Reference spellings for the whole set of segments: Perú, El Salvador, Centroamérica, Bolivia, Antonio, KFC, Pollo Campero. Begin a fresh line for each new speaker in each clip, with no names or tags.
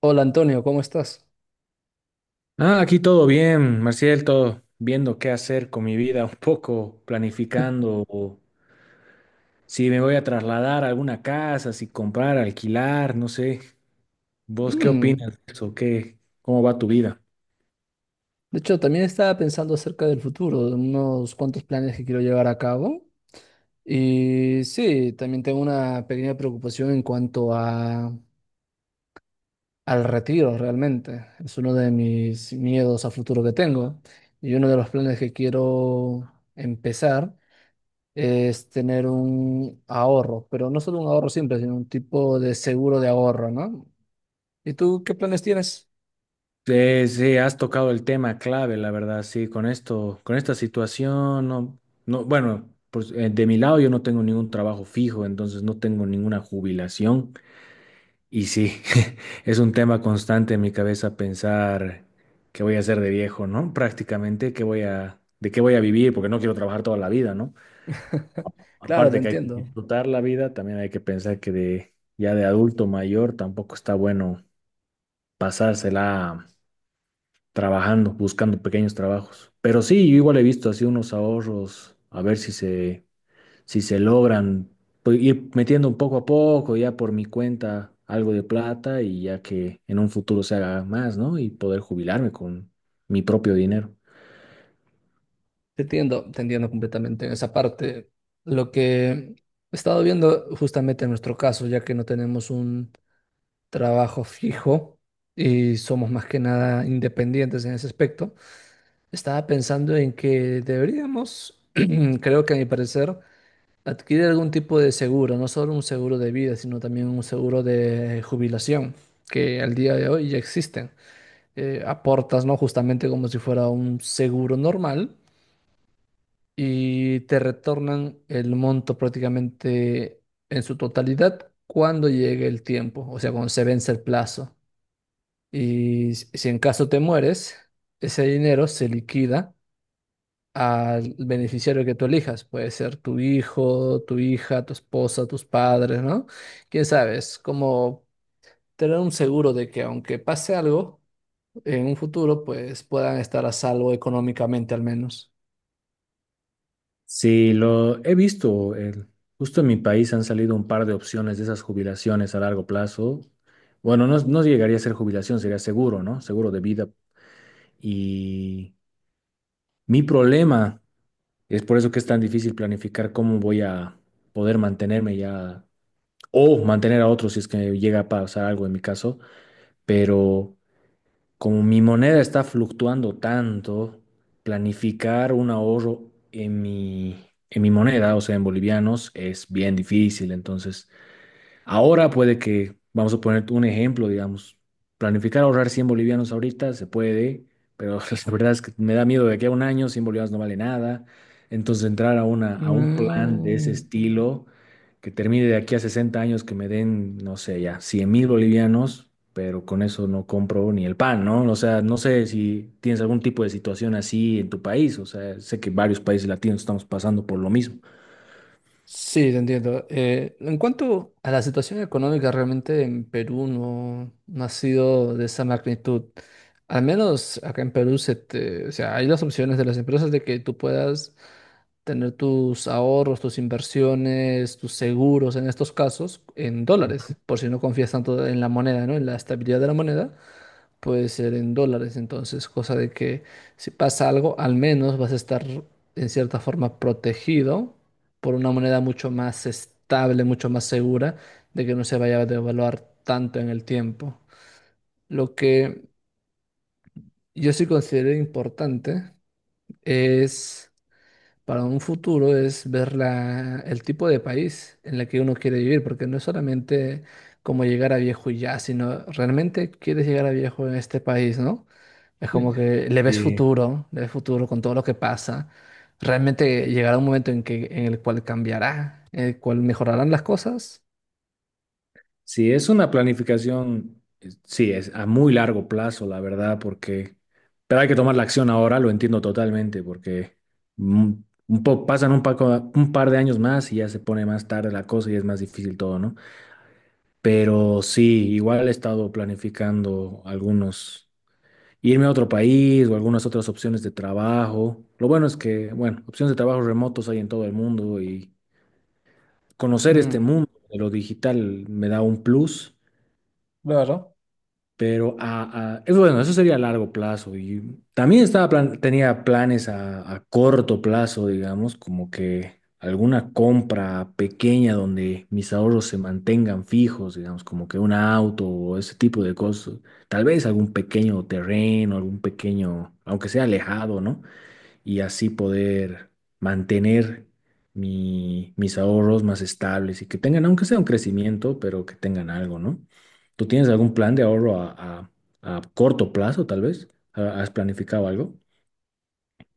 Hola Antonio, ¿cómo estás?
Ah, aquí todo bien, Marcial, todo viendo qué hacer con mi vida, un poco planificando o si me voy a trasladar a alguna casa, si comprar, alquilar, no sé. ¿Vos qué
Mm,
opinas de eso? ¿Qué, cómo va tu vida?
de hecho, también estaba pensando acerca del futuro, de unos cuantos planes que quiero llevar a cabo. Y sí, también tengo una pequeña preocupación en cuanto a, al retiro realmente. Es uno de mis miedos a futuro que tengo. Y uno de los planes que quiero empezar es tener un ahorro, pero no solo un ahorro simple, sino un tipo de seguro de ahorro, ¿no? ¿Y tú qué planes tienes?
Sí, sí, has tocado el tema clave, la verdad, sí, con esto, con esta situación, no, no, bueno, pues, de mi lado yo no tengo ningún trabajo fijo, entonces no tengo ninguna jubilación. Y sí, es un tema constante en mi cabeza pensar qué voy a hacer de viejo, ¿no? Prácticamente, de qué voy a vivir, porque no quiero trabajar toda la vida, ¿no?
Claro, te
Aparte que hay que
entiendo.
disfrutar la vida, también hay que pensar que de, ya de adulto mayor tampoco está bueno pasársela trabajando, buscando pequeños trabajos. Pero sí, yo igual he visto así unos ahorros, a ver si se logran pues, ir metiendo poco a poco, ya por mi cuenta, algo de plata y ya que en un futuro se haga más, ¿no? Y poder jubilarme con mi propio dinero.
Te entiendo completamente en esa parte. Lo que he estado viendo justamente en nuestro caso, ya que no tenemos un trabajo fijo y somos más que nada independientes en ese aspecto, estaba pensando en que deberíamos, creo que a mi parecer, adquirir algún tipo de seguro, no solo un seguro de vida, sino también un seguro de jubilación, que al día de hoy ya existen. Aportas, ¿no? Justamente como si fuera un seguro normal y te retornan el monto prácticamente en su totalidad cuando llegue el tiempo, o sea, cuando se vence el plazo. Y si en caso te mueres, ese dinero se liquida al beneficiario que tú elijas. Puede ser tu hijo, tu hija, tu esposa, tus padres, ¿no? Quién sabe, es como tener un seguro de que aunque pase algo en un futuro, pues puedan estar a salvo económicamente al menos.
Sí, lo he visto. Justo en mi país han salido un par de opciones de esas jubilaciones a largo plazo. Bueno, no, no llegaría a ser jubilación, sería seguro, ¿no? Seguro de vida. Y mi problema es por eso que es tan difícil planificar cómo voy a poder mantenerme ya o mantener a otro si es que llega a pasar algo en mi caso, pero como mi moneda está fluctuando tanto, planificar un ahorro en mi moneda, o sea, en bolivianos, es bien difícil. Entonces, ahora puede que, vamos a poner un ejemplo, digamos, planificar ahorrar 100 bolivianos ahorita se puede, pero la verdad es que me da miedo de que a un año 100 bolivianos no vale nada. Entonces a un plan de ese
Mm.
estilo que termine de aquí a 60 años que me den, no sé, ya 100.000 bolivianos, pero con eso no compro ni el pan, ¿no? O sea, no sé si tienes algún tipo de situación así en tu país, o sea, sé que varios países latinos estamos pasando por lo mismo.
Sí, te entiendo. En cuanto a la situación económica, realmente en Perú no ha sido de esa magnitud. Al menos acá en Perú o sea, hay las opciones de las empresas de que tú puedas tener tus ahorros, tus inversiones, tus seguros en estos casos en dólares, por si no confías tanto en la moneda, ¿no? En la estabilidad de la moneda puede ser en dólares, entonces, cosa de que si pasa algo, al menos vas a estar en cierta forma protegido por una moneda mucho más estable, mucho más segura de que no se vaya a devaluar tanto en el tiempo. Lo que yo sí considero importante es para un futuro es ver el tipo de país en el que uno quiere vivir, porque no es solamente como llegar a viejo y ya, sino realmente quieres llegar a viejo en este país, ¿no? Es como que le ves futuro con todo lo que pasa. Realmente llegará un momento en que, en el cual cambiará, en el cual mejorarán las cosas.
Sí, es una planificación, sí, es a muy largo plazo, la verdad, pero hay que tomar la acción ahora, lo entiendo totalmente, porque mm, un par de años más y ya se pone más tarde la cosa y es más difícil todo, ¿no? Pero sí, igual he estado planificando algunos, irme a otro país o algunas otras opciones de trabajo. Lo bueno es que, bueno, opciones de trabajo remotos hay en todo el mundo y conocer este
Mm,
mundo de lo digital me da un plus.
claro.
Pero es bueno, eso sería a largo plazo. Y también tenía planes a corto plazo, digamos, como que alguna compra pequeña donde mis ahorros se mantengan fijos, digamos, como que un auto o ese tipo de cosas. Tal vez algún pequeño terreno, algún pequeño, aunque sea alejado, ¿no? Y así poder mantener mis ahorros más estables y que tengan, aunque sea un crecimiento, pero que tengan algo, ¿no? ¿Tú tienes algún plan de ahorro a- a corto plazo, tal vez? ¿Has planificado algo?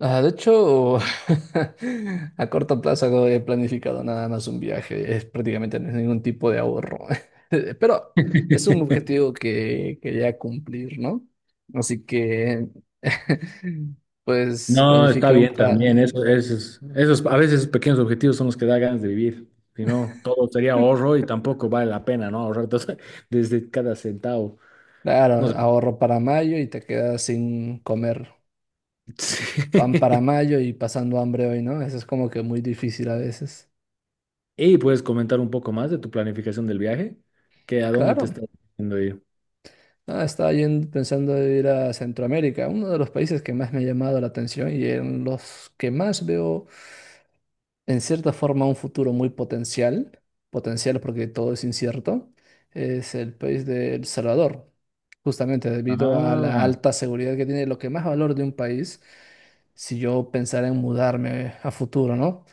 Ah, de hecho, a corto plazo no he planificado nada más un viaje, es prácticamente no es ningún tipo de ahorro, pero es un objetivo que quería cumplir, ¿no? Así que, pues
No, está
planifiqué un,
bien también. Esos, a veces pequeños objetivos son los que da ganas de vivir. Si no, todo sería ahorro y tampoco vale la pena, ¿no? Desde cada centavo.
Claro,
No
ahorro para mayo y te quedas sin comer pan
sé.
para mayo y pasando hambre hoy, ¿no? Eso es como que muy difícil a veces.
Y puedes comentar un poco más de tu planificación del viaje, que a dónde te
Claro.
estás yendo ir.
Nada, estaba yendo pensando en ir a Centroamérica, uno de los países que más me ha llamado la atención y en los que más veo, en cierta forma, un futuro muy potencial, potencial porque todo es incierto, es el país de El Salvador, justamente debido a la
Ah,
alta seguridad que tiene, lo que más valor de un país, si yo pensara en mudarme a futuro, ¿no?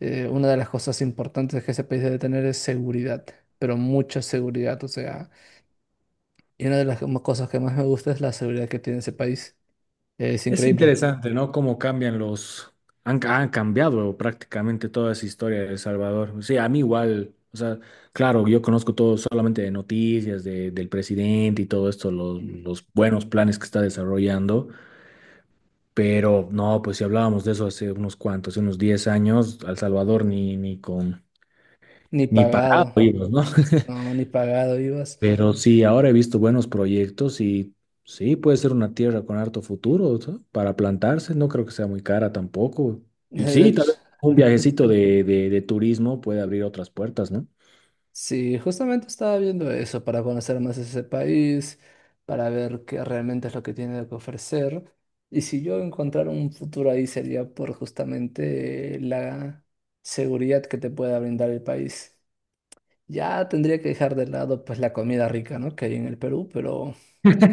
Una de las cosas importantes que ese país debe tener es seguridad, pero mucha seguridad, o sea y una de las como cosas que más me gusta es la seguridad que tiene ese país. Es
es
increíble.
interesante, ¿no? Cómo cambian los... han cambiado prácticamente toda esa historia de El Salvador. Sí, a mí igual, o sea, claro, yo conozco todo solamente de noticias, del presidente y todo esto, los buenos planes que está desarrollando, pero no, pues si hablábamos de eso hace unos cuantos, hace unos 10 años, a El Salvador ni con...
Ni
Ni pagado,
pagado.
íbamos, ¿no?
No, ni pagado ibas.
Pero sí, ahora he visto buenos proyectos y sí, puede ser una tierra con harto futuro, ¿no? Para plantarse, no creo que sea muy cara tampoco.
De
Y sí, tal
hecho,
vez un viajecito de turismo puede abrir otras puertas, ¿no?
sí, justamente estaba viendo eso para conocer más ese país, para ver qué realmente es lo que tiene que ofrecer. Y si yo encontrara un futuro ahí sería por justamente la seguridad que te pueda brindar el país. Ya tendría que dejar de lado pues la comida rica, ¿no? Que hay en el Perú, pero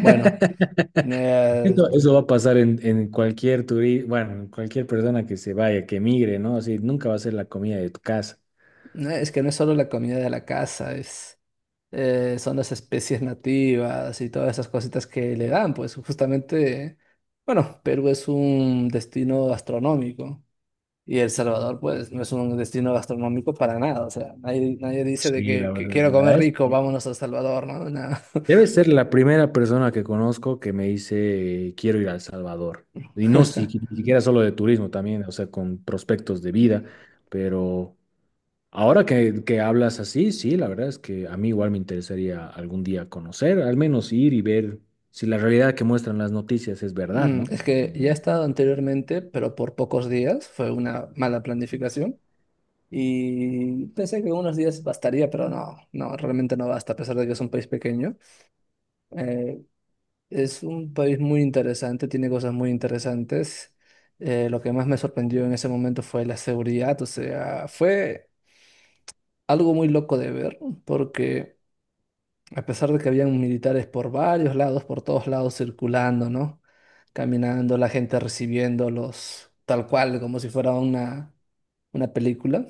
bueno. Eh,
Eso va a pasar en cualquier bueno, en cualquier persona que se vaya, que migre, ¿no? Así, nunca va a ser la comida de tu casa.
No, es que no es solo la comida de la casa, es, son las especies nativas y todas esas cositas que le dan, pues justamente, bueno, Perú es un destino gastronómico y El Salvador, pues, no es un destino gastronómico para nada, o sea, nadie dice de
Sí, la
que quiero comer
verdad,
rico, vámonos a El Salvador, ¿no? Nada.
debe ser la primera persona que conozco que me dice, quiero ir a El Salvador. Y no si, ni siquiera solo de turismo también, o sea, con prospectos de vida. Pero ahora que hablas así, sí, la verdad es que a mí igual me interesaría algún día conocer, al menos ir y ver si la realidad que muestran las noticias es verdad,
Mm,
¿no?
es que ya he estado anteriormente, pero por pocos días, fue una mala planificación. Y pensé que unos días bastaría, pero no, realmente no basta, a pesar de que es un país pequeño. Eh, es un país muy interesante, tiene cosas muy interesantes. Lo que más me sorprendió en ese momento fue la seguridad, o sea, fue algo muy loco de ver, porque a pesar de que habían militares por varios lados, por todos lados circulando, ¿no? Caminando, la gente recibiéndolos tal cual, como si fuera una película.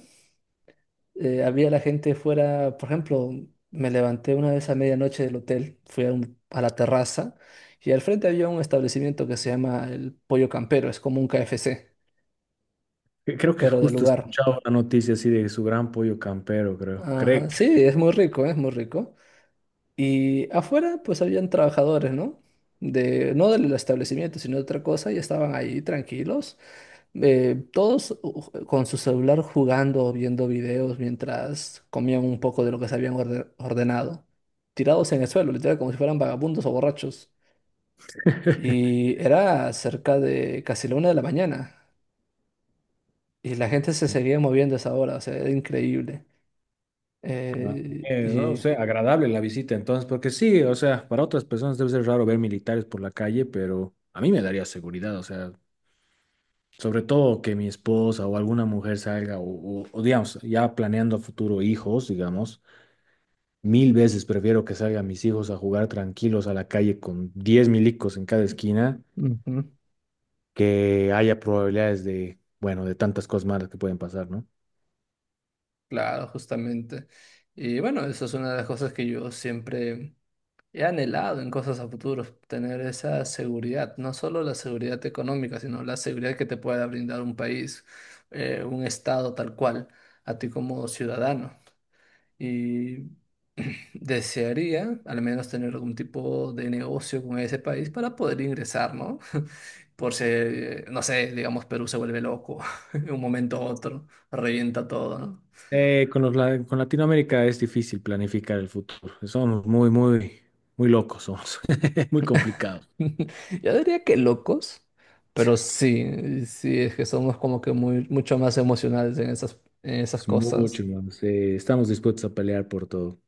Había la gente fuera, por ejemplo, me levanté una vez a medianoche del hotel, fui a, a la terraza y al frente había un establecimiento que se llama el Pollo Campero, es como un KFC,
Creo que
pero de
justo
lugar.
escuchaba una noticia así de su gran pollo campero, creo. Creo.
Ajá, sí, es muy rico, es muy rico. Y afuera pues habían trabajadores, ¿no? De, no del establecimiento, sino de otra cosa, y estaban ahí tranquilos, con su celular jugando, viendo videos mientras comían un poco de lo que se habían ordenado, tirados en el suelo, literal, como si fueran vagabundos o borrachos. Y era cerca de casi la una de la mañana, y la gente se seguía moviendo a esa hora, o sea, era increíble.
Ah,
Eh,
no
y...
sé, agradable la visita entonces, porque sí, o sea, para otras personas debe ser raro ver militares por la calle, pero a mí me daría seguridad, o sea, sobre todo que mi esposa o alguna mujer salga, o digamos, ya planeando a futuro hijos, digamos, mil veces prefiero que salgan mis hijos a jugar tranquilos a la calle con 10 milicos en cada esquina,
Ujú.
que haya probabilidades de, bueno, de tantas cosas malas que pueden pasar, ¿no?
Claro, justamente. Y bueno, eso es una de las cosas que yo siempre he anhelado en cosas a futuro tener esa seguridad, no solo la seguridad económica, sino la seguridad que te pueda brindar un país, un estado tal cual, a ti como ciudadano. Y desearía al menos tener algún tipo de negocio con ese país para poder ingresar, ¿no? Por si, no sé, digamos, Perú se vuelve loco en un momento u otro, revienta todo, ¿no?
Con con Latinoamérica es difícil planificar el futuro. Muy locos, somos muy complicados.
Yo diría que locos, pero sí, sí, es que somos como que muy, mucho más emocionales en esas
Es mucho,
cosas.
hermanos. Estamos dispuestos a pelear por todo.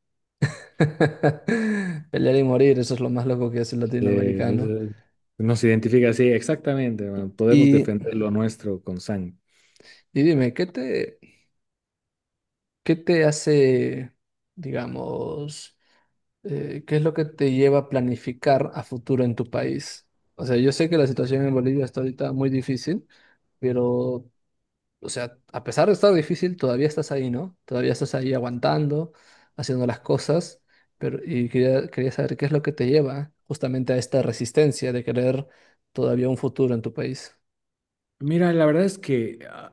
Pelear y morir, eso es lo más loco que es el
Eh,
latinoamericano.
eso- nos identifica, sí, exactamente, hermano. Podemos
Y,
defender lo nuestro con sangre.
y dime, ¿qué te hace, digamos, qué es lo que te lleva a planificar a futuro en tu país? O sea, yo sé que la situación en Bolivia está ahorita muy difícil, pero o sea, a pesar de estar difícil, todavía estás ahí, ¿no? Todavía estás ahí aguantando, haciendo las cosas, pero y quería saber qué es lo que te lleva justamente a esta resistencia de querer todavía un futuro en tu país.
Mira, la verdad es que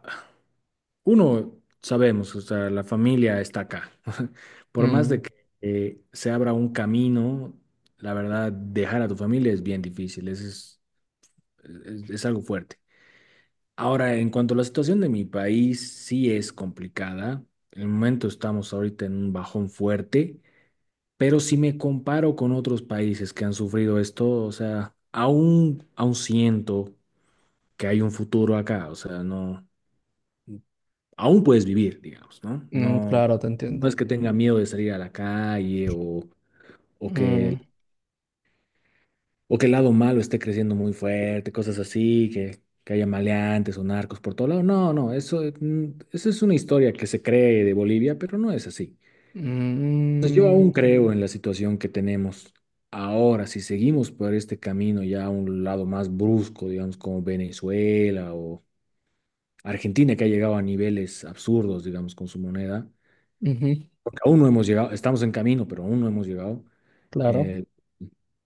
uno sabemos, o sea, la familia está acá. Por más de
Mm,
que se abra un camino, la verdad, dejar a tu familia es bien difícil. Ese es algo fuerte. Ahora, en cuanto a la situación de mi país, sí es complicada. En el momento estamos ahorita en un bajón fuerte, pero si me comparo con otros países que han sufrido esto, o sea, aún siento que hay un futuro acá, o sea, no, aún puedes vivir, digamos, ¿no?
mm,
No,
claro, te
no
entiendo.
es que tenga miedo de salir a la calle o que
Mm,
o que el lado malo esté creciendo muy fuerte, cosas así, que haya maleantes o narcos por todo lado. No, no, eso, eso es una historia que se cree de Bolivia, pero no es así. Entonces yo
mm,
aún creo en la situación que tenemos ahora. Si seguimos por este camino ya a un lado más brusco, digamos, como Venezuela o Argentina, que ha llegado a niveles absurdos, digamos, con su moneda,
ujú,
porque aún no hemos llegado, estamos en camino, pero aún no hemos llegado.
claro,
eh,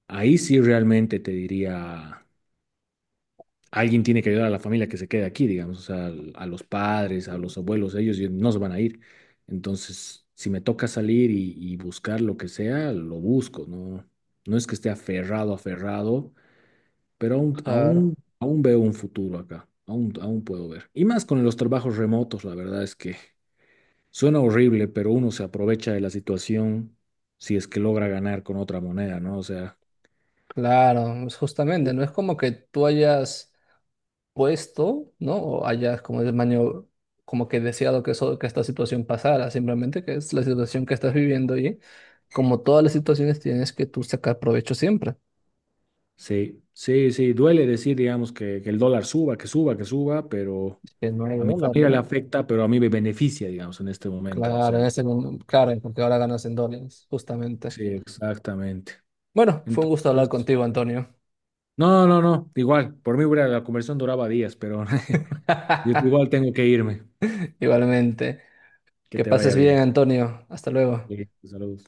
ahí sí realmente te diría alguien tiene que ayudar a la familia que se quede aquí, digamos, o sea, a los padres, a los abuelos, ellos ya no se van a ir. Entonces, si me toca salir y buscar lo que sea, lo busco, ¿no? No es que esté aferrado, pero
claro,
aún veo un futuro acá, aún puedo ver. Y más con los trabajos remotos, la verdad es que suena horrible, pero uno se aprovecha de la situación si es que logra ganar con otra moneda, ¿no? O sea...
claro. Es justamente, no es como que tú hayas puesto, ¿no? O hayas como el maño, como que deseado que, eso, que esta situación pasara, simplemente que es la situación que estás viviendo y como todas las situaciones tienes que tú sacar provecho siempre.
Sí, sí, sí, duele decir, digamos, que el dólar suba, que suba, que suba, pero
Que no hay
a mi
dólar,
familia le
¿no?
afecta, pero a mí me beneficia, digamos, en este momento. O
Claro, en
sea,
ese claro, porque ahora ganas en dólares, justamente.
sí, exactamente.
Bueno, fue un gusto hablar
Entonces,
contigo, Antonio.
no, no, no, igual, la conversión duraba días, pero yo igual tengo que irme.
Igualmente.
Que
Que
te vaya
pases bien,
bien.
Antonio. Hasta luego.
Sí, saludos.